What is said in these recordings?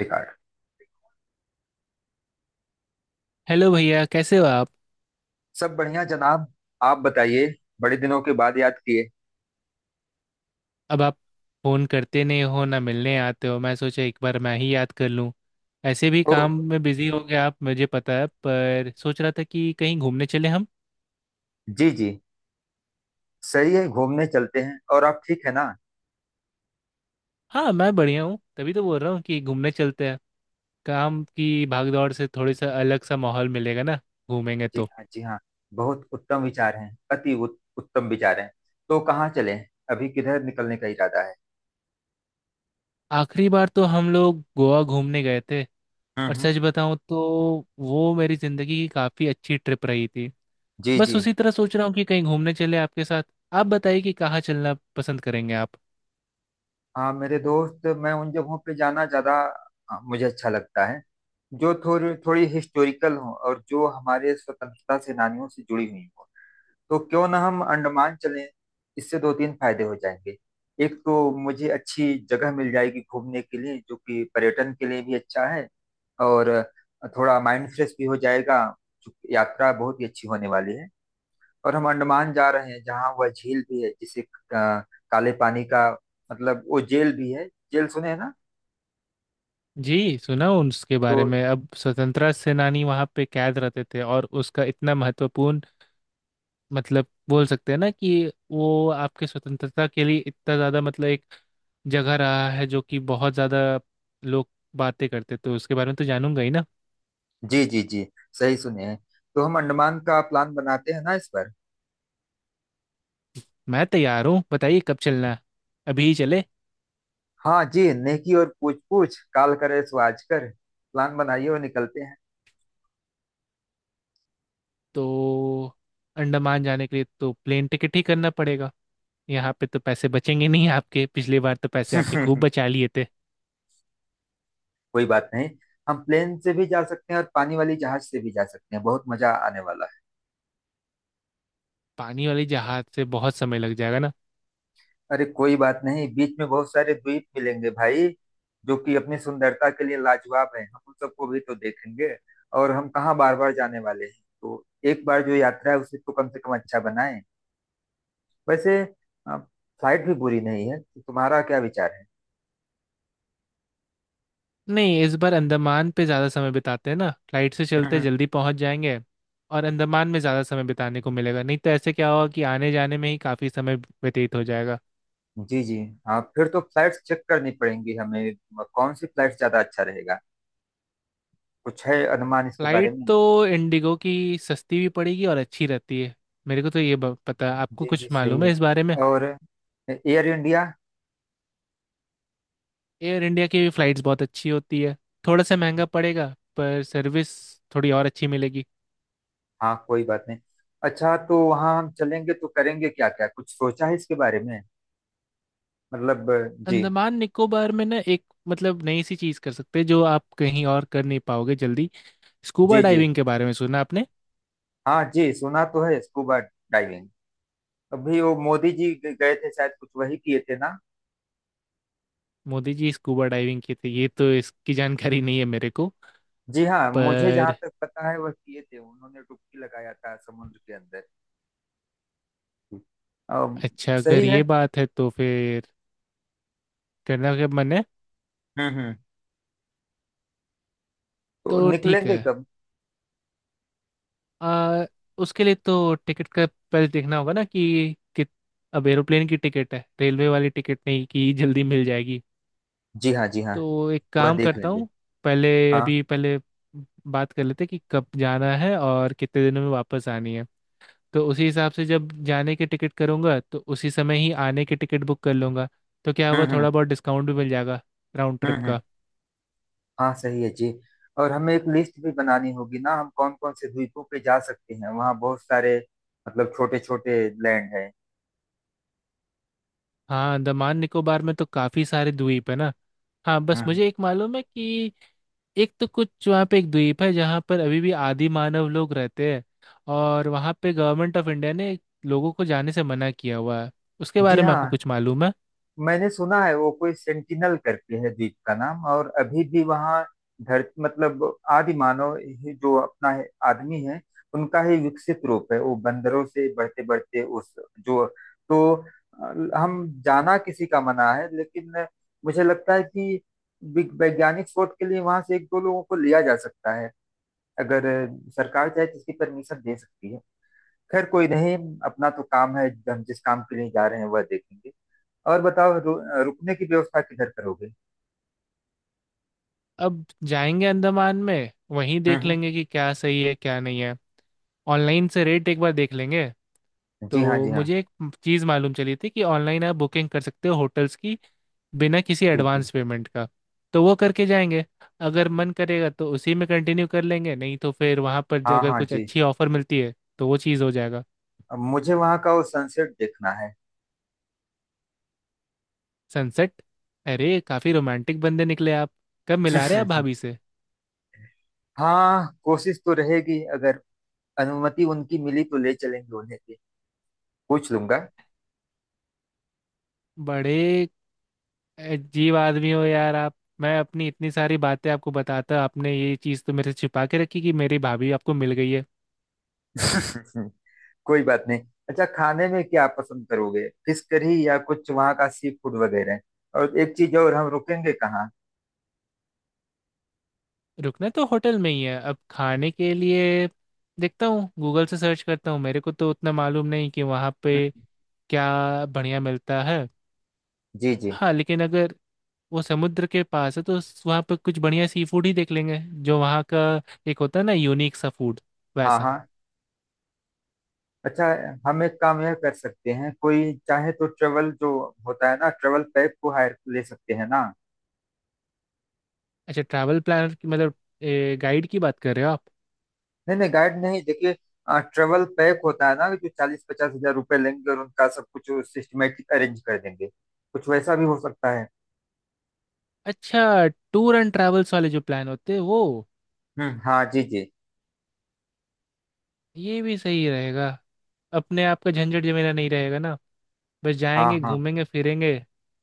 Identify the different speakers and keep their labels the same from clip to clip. Speaker 1: Record.
Speaker 2: Hello भैया, कैसे हो आप।
Speaker 1: सब बढ़िया जनाब। आप बताइए। बड़े दिनों के बाद याद किए।
Speaker 2: अब आप फोन करते नहीं हो, ना मिलने आते हो। मैं सोचा एक बार मैं ही याद कर लूं। ऐसे भी
Speaker 1: ओह।
Speaker 2: काम में बिजी हो गए आप, मुझे पता है। पर सोच रहा था कि कहीं घूमने चले हम।
Speaker 1: जी जी। सही है, घूमने चलते हैं। और आप ठीक है ना?
Speaker 2: हाँ, मैं बढ़िया हूँ, तभी तो बोल रहा हूँ कि घूमने चलते हैं। काम की भागदौड़ से थोड़ी सा अलग सा माहौल मिलेगा ना, घूमेंगे
Speaker 1: जी
Speaker 2: तो।
Speaker 1: हाँ जी हाँ। बहुत उत्तम विचार हैं। अति उत्तम विचार हैं। तो कहाँ चलें? अभी किधर निकलने का इरादा है?
Speaker 2: आखिरी बार तो हम लोग गोवा घूमने गए थे, और
Speaker 1: हम्म।
Speaker 2: सच बताऊं तो वो मेरी जिंदगी की काफी अच्छी ट्रिप रही थी।
Speaker 1: जी
Speaker 2: बस
Speaker 1: जी।
Speaker 2: उसी तरह सोच रहा हूँ कि कहीं घूमने चले आपके साथ। आप बताइए कि कहाँ चलना पसंद करेंगे आप।
Speaker 1: हाँ मेरे दोस्त, मैं उन जगहों पे जाना ज्यादा मुझे अच्छा लगता है जो थोड़ी थोड़ी हिस्टोरिकल हो और जो हमारे स्वतंत्रता सेनानियों से जुड़ी हुई हो। तो क्यों ना हम अंडमान चलें। इससे दो तीन फायदे हो जाएंगे। एक तो मुझे अच्छी जगह मिल जाएगी घूमने के लिए, जो कि पर्यटन के लिए भी अच्छा है। और थोड़ा माइंड फ्रेश भी हो जाएगा। चूंकि यात्रा बहुत ही अच्छी होने वाली है। और हम अंडमान जा रहे हैं, जहाँ वह झील भी है जिसे काले पानी का मतलब वो जेल भी है। जेल सुने हैं ना?
Speaker 2: जी, सुना हूँ उसके
Speaker 1: तो
Speaker 2: बारे में। अब स्वतंत्रता सेनानी वहाँ पे कैद रहते थे और उसका इतना महत्वपूर्ण मतलब, बोल सकते हैं ना कि वो आपके स्वतंत्रता के लिए इतना ज़्यादा मतलब एक जगह रहा है जो कि बहुत ज़्यादा लोग बातें करते, तो उसके बारे में तो जानूंगा ही ना।
Speaker 1: जी जी जी। सही सुने हैं। तो हम अंडमान का प्लान बनाते हैं ना इस पर।
Speaker 2: मैं तैयार हूँ, बताइए कब चलना है। अभी ही चले।
Speaker 1: हाँ जी, नेकी और पूछ पूछ, काल करे सो आज कर। प्लान बनाइए और निकलते
Speaker 2: तो अंडमान जाने के लिए तो प्लेन टिकट ही करना पड़ेगा। यहाँ पे तो पैसे बचेंगे नहीं आपके। पिछली बार तो पैसे आपने खूब
Speaker 1: हैं।
Speaker 2: बचा लिए थे।
Speaker 1: कोई बात नहीं। हम प्लेन से भी जा सकते हैं और पानी वाली जहाज से भी जा सकते हैं। बहुत मजा आने वाला है।
Speaker 2: पानी वाले जहाज से बहुत समय लग जाएगा ना।
Speaker 1: अरे कोई बात नहीं, बीच में बहुत सारे द्वीप मिलेंगे भाई, जो कि अपनी सुंदरता के लिए लाजवाब है। हम उन सबको भी तो देखेंगे। और हम कहाँ बार बार जाने वाले हैं, तो एक बार जो यात्रा है उसे तो कम से कम अच्छा बनाएं। वैसे फ्लाइट भी बुरी नहीं है। तो तुम्हारा क्या विचार
Speaker 2: नहीं, इस बार अंडमान पे ज़्यादा समय बिताते हैं ना, फ्लाइट से चलते
Speaker 1: है?
Speaker 2: जल्दी पहुँच जाएंगे। और अंडमान में ज़्यादा समय बिताने को मिलेगा नहीं तो ऐसे क्या होगा कि आने जाने में ही काफ़ी समय व्यतीत हो जाएगा।
Speaker 1: जी जी। हाँ फिर तो फ्लाइट्स चेक करनी पड़ेंगी हमें। कौन सी फ्लाइट ज्यादा अच्छा रहेगा? कुछ है अनुमान इसके बारे
Speaker 2: फ्लाइट
Speaker 1: में?
Speaker 2: तो इंडिगो की सस्ती भी पड़ेगी और अच्छी रहती है। मेरे को तो ये पता है। आपको
Speaker 1: जी जी
Speaker 2: कुछ
Speaker 1: सही
Speaker 2: मालूम
Speaker 1: है।
Speaker 2: है इस बारे में।
Speaker 1: और एयर इंडिया।
Speaker 2: एयर इंडिया की फ्लाइट्स बहुत अच्छी होती है, थोड़ा सा महंगा पड़ेगा, पर सर्विस थोड़ी और अच्छी मिलेगी।
Speaker 1: हाँ कोई बात नहीं। अच्छा, तो वहाँ हम चलेंगे तो करेंगे क्या क्या? कुछ सोचा है इसके बारे में? मतलब। जी
Speaker 2: अंडमान निकोबार में ना एक मतलब नई सी चीज़ कर सकते हैं जो आप कहीं और कर नहीं पाओगे जल्दी। स्कूबा
Speaker 1: जी जी।
Speaker 2: डाइविंग के बारे में सुना आपने।
Speaker 1: हाँ जी सुना तो है, स्कूबा डाइविंग। अभी वो मोदी जी गए थे शायद, कुछ वही किए थे ना?
Speaker 2: मोदी जी स्कूबा डाइविंग किए थे, ये तो इसकी जानकारी नहीं है मेरे को।
Speaker 1: जी हाँ, मुझे जहाँ
Speaker 2: पर
Speaker 1: तक पता है वह किए थे, उन्होंने डुबकी लगाया था समुद्र के अंदर। अम,
Speaker 2: अच्छा, अगर
Speaker 1: सही
Speaker 2: ये
Speaker 1: है।
Speaker 2: बात है तो फिर करना क्या मन है।
Speaker 1: हम्म। तो
Speaker 2: तो ठीक
Speaker 1: निकलेंगे
Speaker 2: है।
Speaker 1: कब?
Speaker 2: आ, उसके लिए तो टिकट का पहले देखना होगा ना कि अब एरोप्लेन की टिकट है, रेलवे वाली टिकट नहीं कि जल्दी मिल जाएगी।
Speaker 1: जी हाँ जी हाँ,
Speaker 2: तो एक
Speaker 1: वह
Speaker 2: काम
Speaker 1: देख
Speaker 2: करता
Speaker 1: लेंगे।
Speaker 2: हूँ, पहले
Speaker 1: हाँ।
Speaker 2: अभी पहले बात कर लेते हैं कि कब जाना है और कितने दिनों में वापस आनी है। तो उसी हिसाब से जब जाने की टिकट करूँगा तो उसी समय ही आने की टिकट बुक कर लूँगा। तो क्या होगा,
Speaker 1: हम्म।
Speaker 2: थोड़ा बहुत डिस्काउंट भी मिल जाएगा राउंड
Speaker 1: हम्म
Speaker 2: ट्रिप का।
Speaker 1: हाँ सही है जी। और हमें एक लिस्ट भी बनानी होगी ना, हम कौन कौन से द्वीपों पे जा सकते हैं। वहाँ बहुत सारे मतलब छोटे छोटे लैंड है।
Speaker 2: हाँ, अंडमान निकोबार में तो काफ़ी सारे द्वीप है ना। हाँ, बस
Speaker 1: हम्म।
Speaker 2: मुझे एक मालूम है कि एक तो कुछ वहाँ पे एक द्वीप है जहाँ पर अभी भी आदि मानव लोग रहते हैं, और वहाँ पे गवर्नमेंट ऑफ इंडिया ने लोगों को जाने से मना किया हुआ है। उसके
Speaker 1: जी
Speaker 2: बारे में
Speaker 1: हाँ,
Speaker 2: आपको कुछ मालूम है।
Speaker 1: मैंने सुना है वो कोई सेंटिनल करके है द्वीप का नाम, और अभी भी वहाँ धरती मतलब आदि मानव ही, जो अपना है, आदमी है, उनका ही विकसित रूप है, वो बंदरों से बढ़ते बढ़ते उस जो। तो हम जाना किसी का मना है, लेकिन मुझे लगता है कि वैज्ञानिक शोध के लिए वहां से एक दो लोगों को लिया जा सकता है। अगर सरकार चाहे तो इसकी परमिशन दे सकती है। खैर कोई नहीं। अपना तो काम है, हम जिस काम के लिए जा रहे हैं वह देखेंगे। और बताओ, रुकने की व्यवस्था किधर करोगे?
Speaker 2: अब जाएंगे अंडमान में वहीं
Speaker 1: हम्म
Speaker 2: देख
Speaker 1: हम्म।
Speaker 2: लेंगे कि क्या सही है क्या नहीं है। ऑनलाइन से रेट एक बार देख लेंगे।
Speaker 1: जी हाँ
Speaker 2: तो
Speaker 1: जी हाँ।
Speaker 2: मुझे एक चीज़ मालूम चली थी कि ऑनलाइन आप बुकिंग कर सकते हो होटल्स की, बिना किसी
Speaker 1: जी जी।
Speaker 2: एडवांस पेमेंट का। तो वो करके जाएंगे। अगर मन करेगा तो उसी में कंटिन्यू कर लेंगे नहीं तो फिर वहाँ पर
Speaker 1: हाँ
Speaker 2: अगर
Speaker 1: हाँ
Speaker 2: कुछ
Speaker 1: जी।
Speaker 2: अच्छी ऑफर मिलती है तो वो चीज़ हो जाएगा।
Speaker 1: अब मुझे वहां का वो सनसेट देखना है।
Speaker 2: सनसेट? अरे काफ़ी रोमांटिक बंदे निकले आप। कब मिला रहे आप
Speaker 1: हम्म।
Speaker 2: भाभी से।
Speaker 1: हाँ कोशिश तो रहेगी, अगर अनुमति उनकी मिली तो ले चलेंगे उन्हें भी। पूछ लूंगा।
Speaker 2: बड़े अजीब आदमी हो यार आप। मैं अपनी इतनी सारी बातें आपको बताता, आपने ये चीज़ तो मेरे से छिपा के रखी कि मेरी भाभी आपको मिल गई है।
Speaker 1: कोई बात नहीं। अच्छा, खाने में क्या पसंद करोगे? फिश करी या कुछ वहाँ का सी फूड वगैरह? और एक चीज, और हम रुकेंगे कहाँ?
Speaker 2: रुकना तो होटल में ही है। अब खाने के लिए देखता हूँ, गूगल से सर्च करता हूँ। मेरे को तो उतना मालूम नहीं कि वहाँ पे क्या बढ़िया मिलता है।
Speaker 1: जी जी।
Speaker 2: हाँ, लेकिन अगर वो समुद्र के पास है तो वहाँ पे कुछ बढ़िया सी फूड ही देख लेंगे जो वहाँ का एक होता है ना, यूनिक सा फूड,
Speaker 1: हाँ
Speaker 2: वैसा।
Speaker 1: हाँ। अच्छा, हम एक काम यह कर सकते हैं, कोई चाहे तो ट्रेवल जो होता है ना, ट्रेवल पैक को हायर ले सकते हैं ना?
Speaker 2: अच्छा ट्रैवल प्लानर की मतलब गाइड की बात कर रहे हो आप।
Speaker 1: नहीं नहीं, गाइड नहीं, देखिए ट्रेवल पैक होता है ना, जो 40-50 हज़ार रुपए लेंगे और उनका सब कुछ सिस्टमेटिक अरेंज कर देंगे। कुछ वैसा भी हो सकता है।
Speaker 2: अच्छा, टूर एंड ट्रैवल्स वाले जो प्लान होते हैं वो।
Speaker 1: हाँ जी जी।
Speaker 2: ये भी सही रहेगा, अपने आप का झंझट जमेला नहीं रहेगा ना, बस
Speaker 1: हाँ
Speaker 2: जाएंगे
Speaker 1: हाँ।
Speaker 2: घूमेंगे फिरेंगे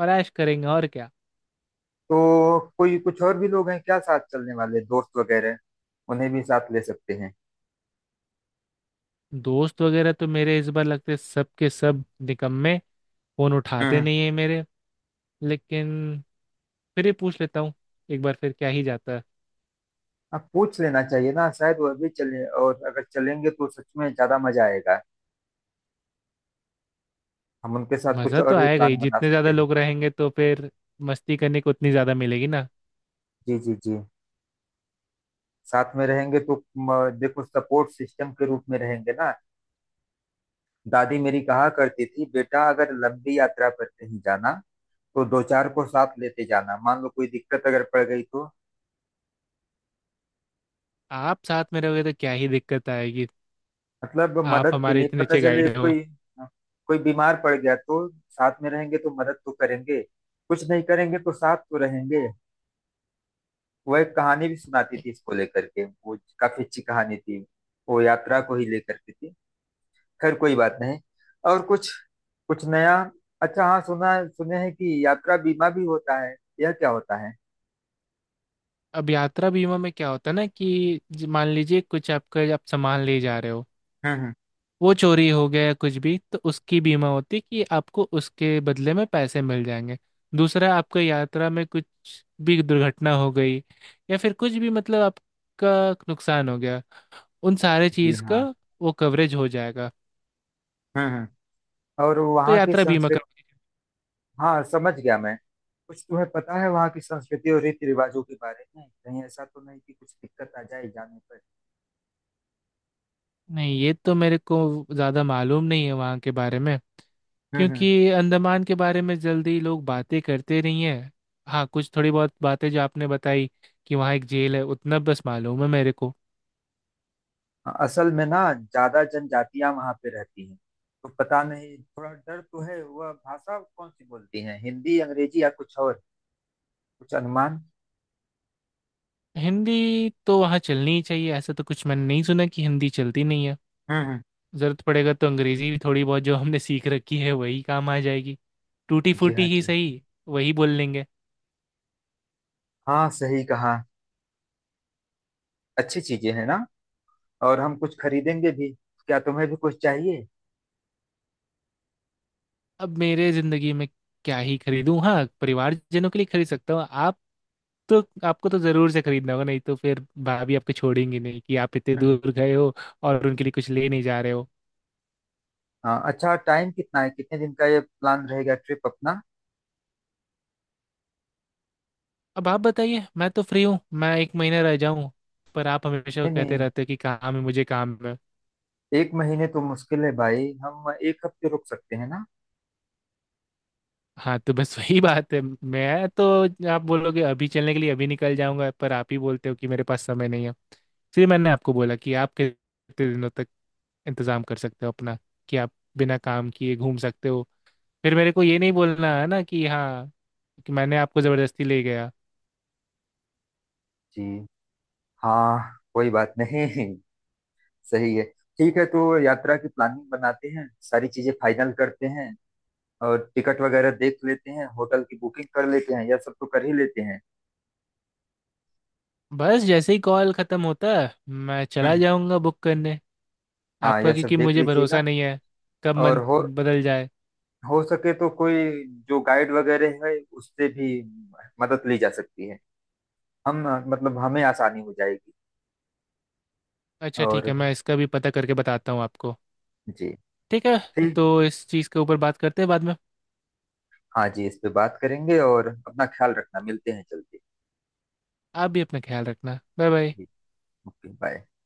Speaker 2: और ऐश करेंगे, और क्या।
Speaker 1: तो कोई कुछ और भी लोग हैं क्या, साथ चलने वाले दोस्त वगैरह? उन्हें भी साथ ले सकते हैं।
Speaker 2: दोस्त वगैरह तो मेरे इस बार लगते सब के सब निकम्मे, फोन उठाते
Speaker 1: हम्म।
Speaker 2: नहीं है मेरे। लेकिन फिर ही पूछ लेता हूँ, एक बार फिर क्या ही जाता है।
Speaker 1: आप पूछ लेना चाहिए ना, शायद वह भी चले। और अगर चलेंगे तो सच में ज्यादा मजा आएगा। हम उनके साथ कुछ
Speaker 2: मज़ा तो
Speaker 1: और भी
Speaker 2: आएगा ही,
Speaker 1: प्लान बना
Speaker 2: जितने
Speaker 1: सकते
Speaker 2: ज़्यादा
Speaker 1: हैं।
Speaker 2: लोग रहेंगे तो फिर मस्ती करने को उतनी ज़्यादा मिलेगी ना।
Speaker 1: जी जी जी। साथ में रहेंगे तो देखो सपोर्ट सिस्टम के रूप में रहेंगे ना। दादी मेरी कहा करती थी, बेटा अगर लंबी यात्रा पर कहीं जाना तो दो चार को साथ लेते जाना। मान लो कोई दिक्कत अगर पड़ गई तो
Speaker 2: आप साथ में रहोगे तो क्या ही दिक्कत आएगी,
Speaker 1: मतलब
Speaker 2: आप
Speaker 1: मदद के
Speaker 2: हमारे
Speaker 1: लिए
Speaker 2: इतने
Speaker 1: पता
Speaker 2: अच्छे
Speaker 1: चले
Speaker 2: गाइड हो।
Speaker 1: कोई। कोई बीमार पड़ गया तो साथ में रहेंगे तो मदद तो करेंगे। कुछ नहीं करेंगे तो साथ तो रहेंगे। वो एक कहानी भी सुनाती थी इसको लेकर के, वो काफी अच्छी कहानी थी। वो यात्रा को ही लेकर के थी। खैर कोई बात नहीं। और कुछ कुछ नया। अच्छा हाँ, सुना सुने हैं कि यात्रा बीमा भी होता है। यह क्या होता है?
Speaker 2: अब यात्रा बीमा में क्या होता है ना कि मान लीजिए कुछ आपका, आप सामान ले जा रहे हो,
Speaker 1: हम्म।
Speaker 2: वो चोरी हो गया या कुछ भी तो उसकी बीमा होती है कि आपको उसके बदले में पैसे मिल जाएंगे। दूसरा, आपका यात्रा में कुछ भी दुर्घटना हो गई या फिर कुछ भी मतलब आपका नुकसान हो गया, उन सारे
Speaker 1: जी
Speaker 2: चीज़ का
Speaker 1: हाँ।
Speaker 2: वो कवरेज हो जाएगा।
Speaker 1: हम्म हम्म। और
Speaker 2: तो
Speaker 1: वहाँ की
Speaker 2: यात्रा बीमा
Speaker 1: संस्कृति?
Speaker 2: करवाइए।
Speaker 1: हाँ समझ गया मैं। कुछ तुम्हें पता है वहाँ की संस्कृति और रीति रिवाजों के बारे में? कहीं ऐसा तो नहीं कि कुछ दिक्कत आ जाए जाने पर?
Speaker 2: नहीं, ये तो मेरे को ज़्यादा मालूम नहीं है वहाँ के बारे में,
Speaker 1: हम्म।
Speaker 2: क्योंकि अंडमान के बारे में जल्दी लोग बातें करते नहीं है। हाँ, कुछ थोड़ी बहुत बातें जो आपने बताई कि वहाँ एक जेल है, उतना बस मालूम है मेरे को।
Speaker 1: हाँ, असल में ना ज्यादा जनजातियां वहाँ पे रहती हैं। तो पता नहीं, थोड़ा डर तो है। वह भाषा कौन सी बोलती है, हिंदी अंग्रेजी या कुछ और? कुछ अनुमान?
Speaker 2: हिंदी तो वहाँ चलनी ही चाहिए, ऐसा तो कुछ मैंने नहीं सुना कि हिंदी चलती नहीं है।
Speaker 1: हम्म
Speaker 2: जरूरत पड़ेगा तो अंग्रेजी भी थोड़ी बहुत जो हमने सीख रखी है वही काम आ जाएगी, टूटी
Speaker 1: जी हाँ
Speaker 2: फूटी ही
Speaker 1: जी
Speaker 2: सही वही बोल लेंगे।
Speaker 1: हाँ। सही कहा। अच्छी चीजें हैं ना। और हम कुछ खरीदेंगे भी, क्या तुम्हें भी कुछ चाहिए?
Speaker 2: अब मेरे जिंदगी में क्या ही खरीदूं। हाँ, परिवारजनों के लिए खरीद सकता हूँ। आप तो आपको तो जरूर से खरीदना होगा, नहीं तो फिर भाभी आपको छोड़ेंगी नहीं कि आप इतने
Speaker 1: हम्म।
Speaker 2: दूर गए हो और उनके लिए कुछ ले नहीं जा रहे हो।
Speaker 1: हाँ अच्छा, टाइम कितना है? कितने दिन का ये प्लान रहेगा, ट्रिप अपना?
Speaker 2: अब आप बताइए, मैं तो फ्री हूँ, मैं एक महीना रह जाऊँ। पर आप हमेशा
Speaker 1: नहीं
Speaker 2: कहते
Speaker 1: नहीं,
Speaker 2: रहते हो कि काम है, मुझे काम है।
Speaker 1: एक महीने तो मुश्किल है भाई। हम एक हफ्ते रुक सकते हैं ना?
Speaker 2: हाँ तो बस वही बात है। मैं तो आप बोलोगे अभी चलने के लिए अभी निकल जाऊंगा, पर आप ही बोलते हो कि मेरे पास समय नहीं है, इसलिए मैंने आपको बोला कि आप कितने दिनों तक इंतजाम कर सकते हो अपना, कि आप बिना काम किए घूम सकते हो। फिर मेरे को ये नहीं बोलना है ना कि हाँ, कि मैंने आपको जबरदस्ती ले गया।
Speaker 1: जी हाँ कोई बात नहीं। सही है। ठीक है, तो यात्रा की प्लानिंग बनाते हैं, सारी चीजें फाइनल करते हैं और टिकट वगैरह देख लेते हैं, होटल की बुकिंग कर लेते हैं, यह सब तो कर ही लेते हैं।
Speaker 2: बस जैसे ही कॉल खत्म होता है मैं चला
Speaker 1: हम्म।
Speaker 2: जाऊंगा बुक करने।
Speaker 1: हाँ
Speaker 2: आपका,
Speaker 1: यह सब
Speaker 2: क्योंकि
Speaker 1: देख
Speaker 2: मुझे भरोसा
Speaker 1: लीजिएगा।
Speaker 2: नहीं है कब
Speaker 1: और
Speaker 2: मन
Speaker 1: हो
Speaker 2: बदल जाए।
Speaker 1: हो सके तो कोई जो गाइड वगैरह है उससे भी मदद ली जा सकती है। हम मतलब, हमें आसानी हो जाएगी।
Speaker 2: अच्छा ठीक
Speaker 1: और
Speaker 2: है, मैं इसका भी पता करके बताता हूँ आपको।
Speaker 1: जी।
Speaker 2: ठीक है,
Speaker 1: ठीक।
Speaker 2: तो इस चीज़ के ऊपर बात करते हैं बाद में।
Speaker 1: हाँ जी इस पे बात करेंगे। और अपना ख्याल रखना, मिलते हैं जल्दी।
Speaker 2: आप भी अपना ख्याल रखना, बाय बाय।
Speaker 1: जी। Okay bye.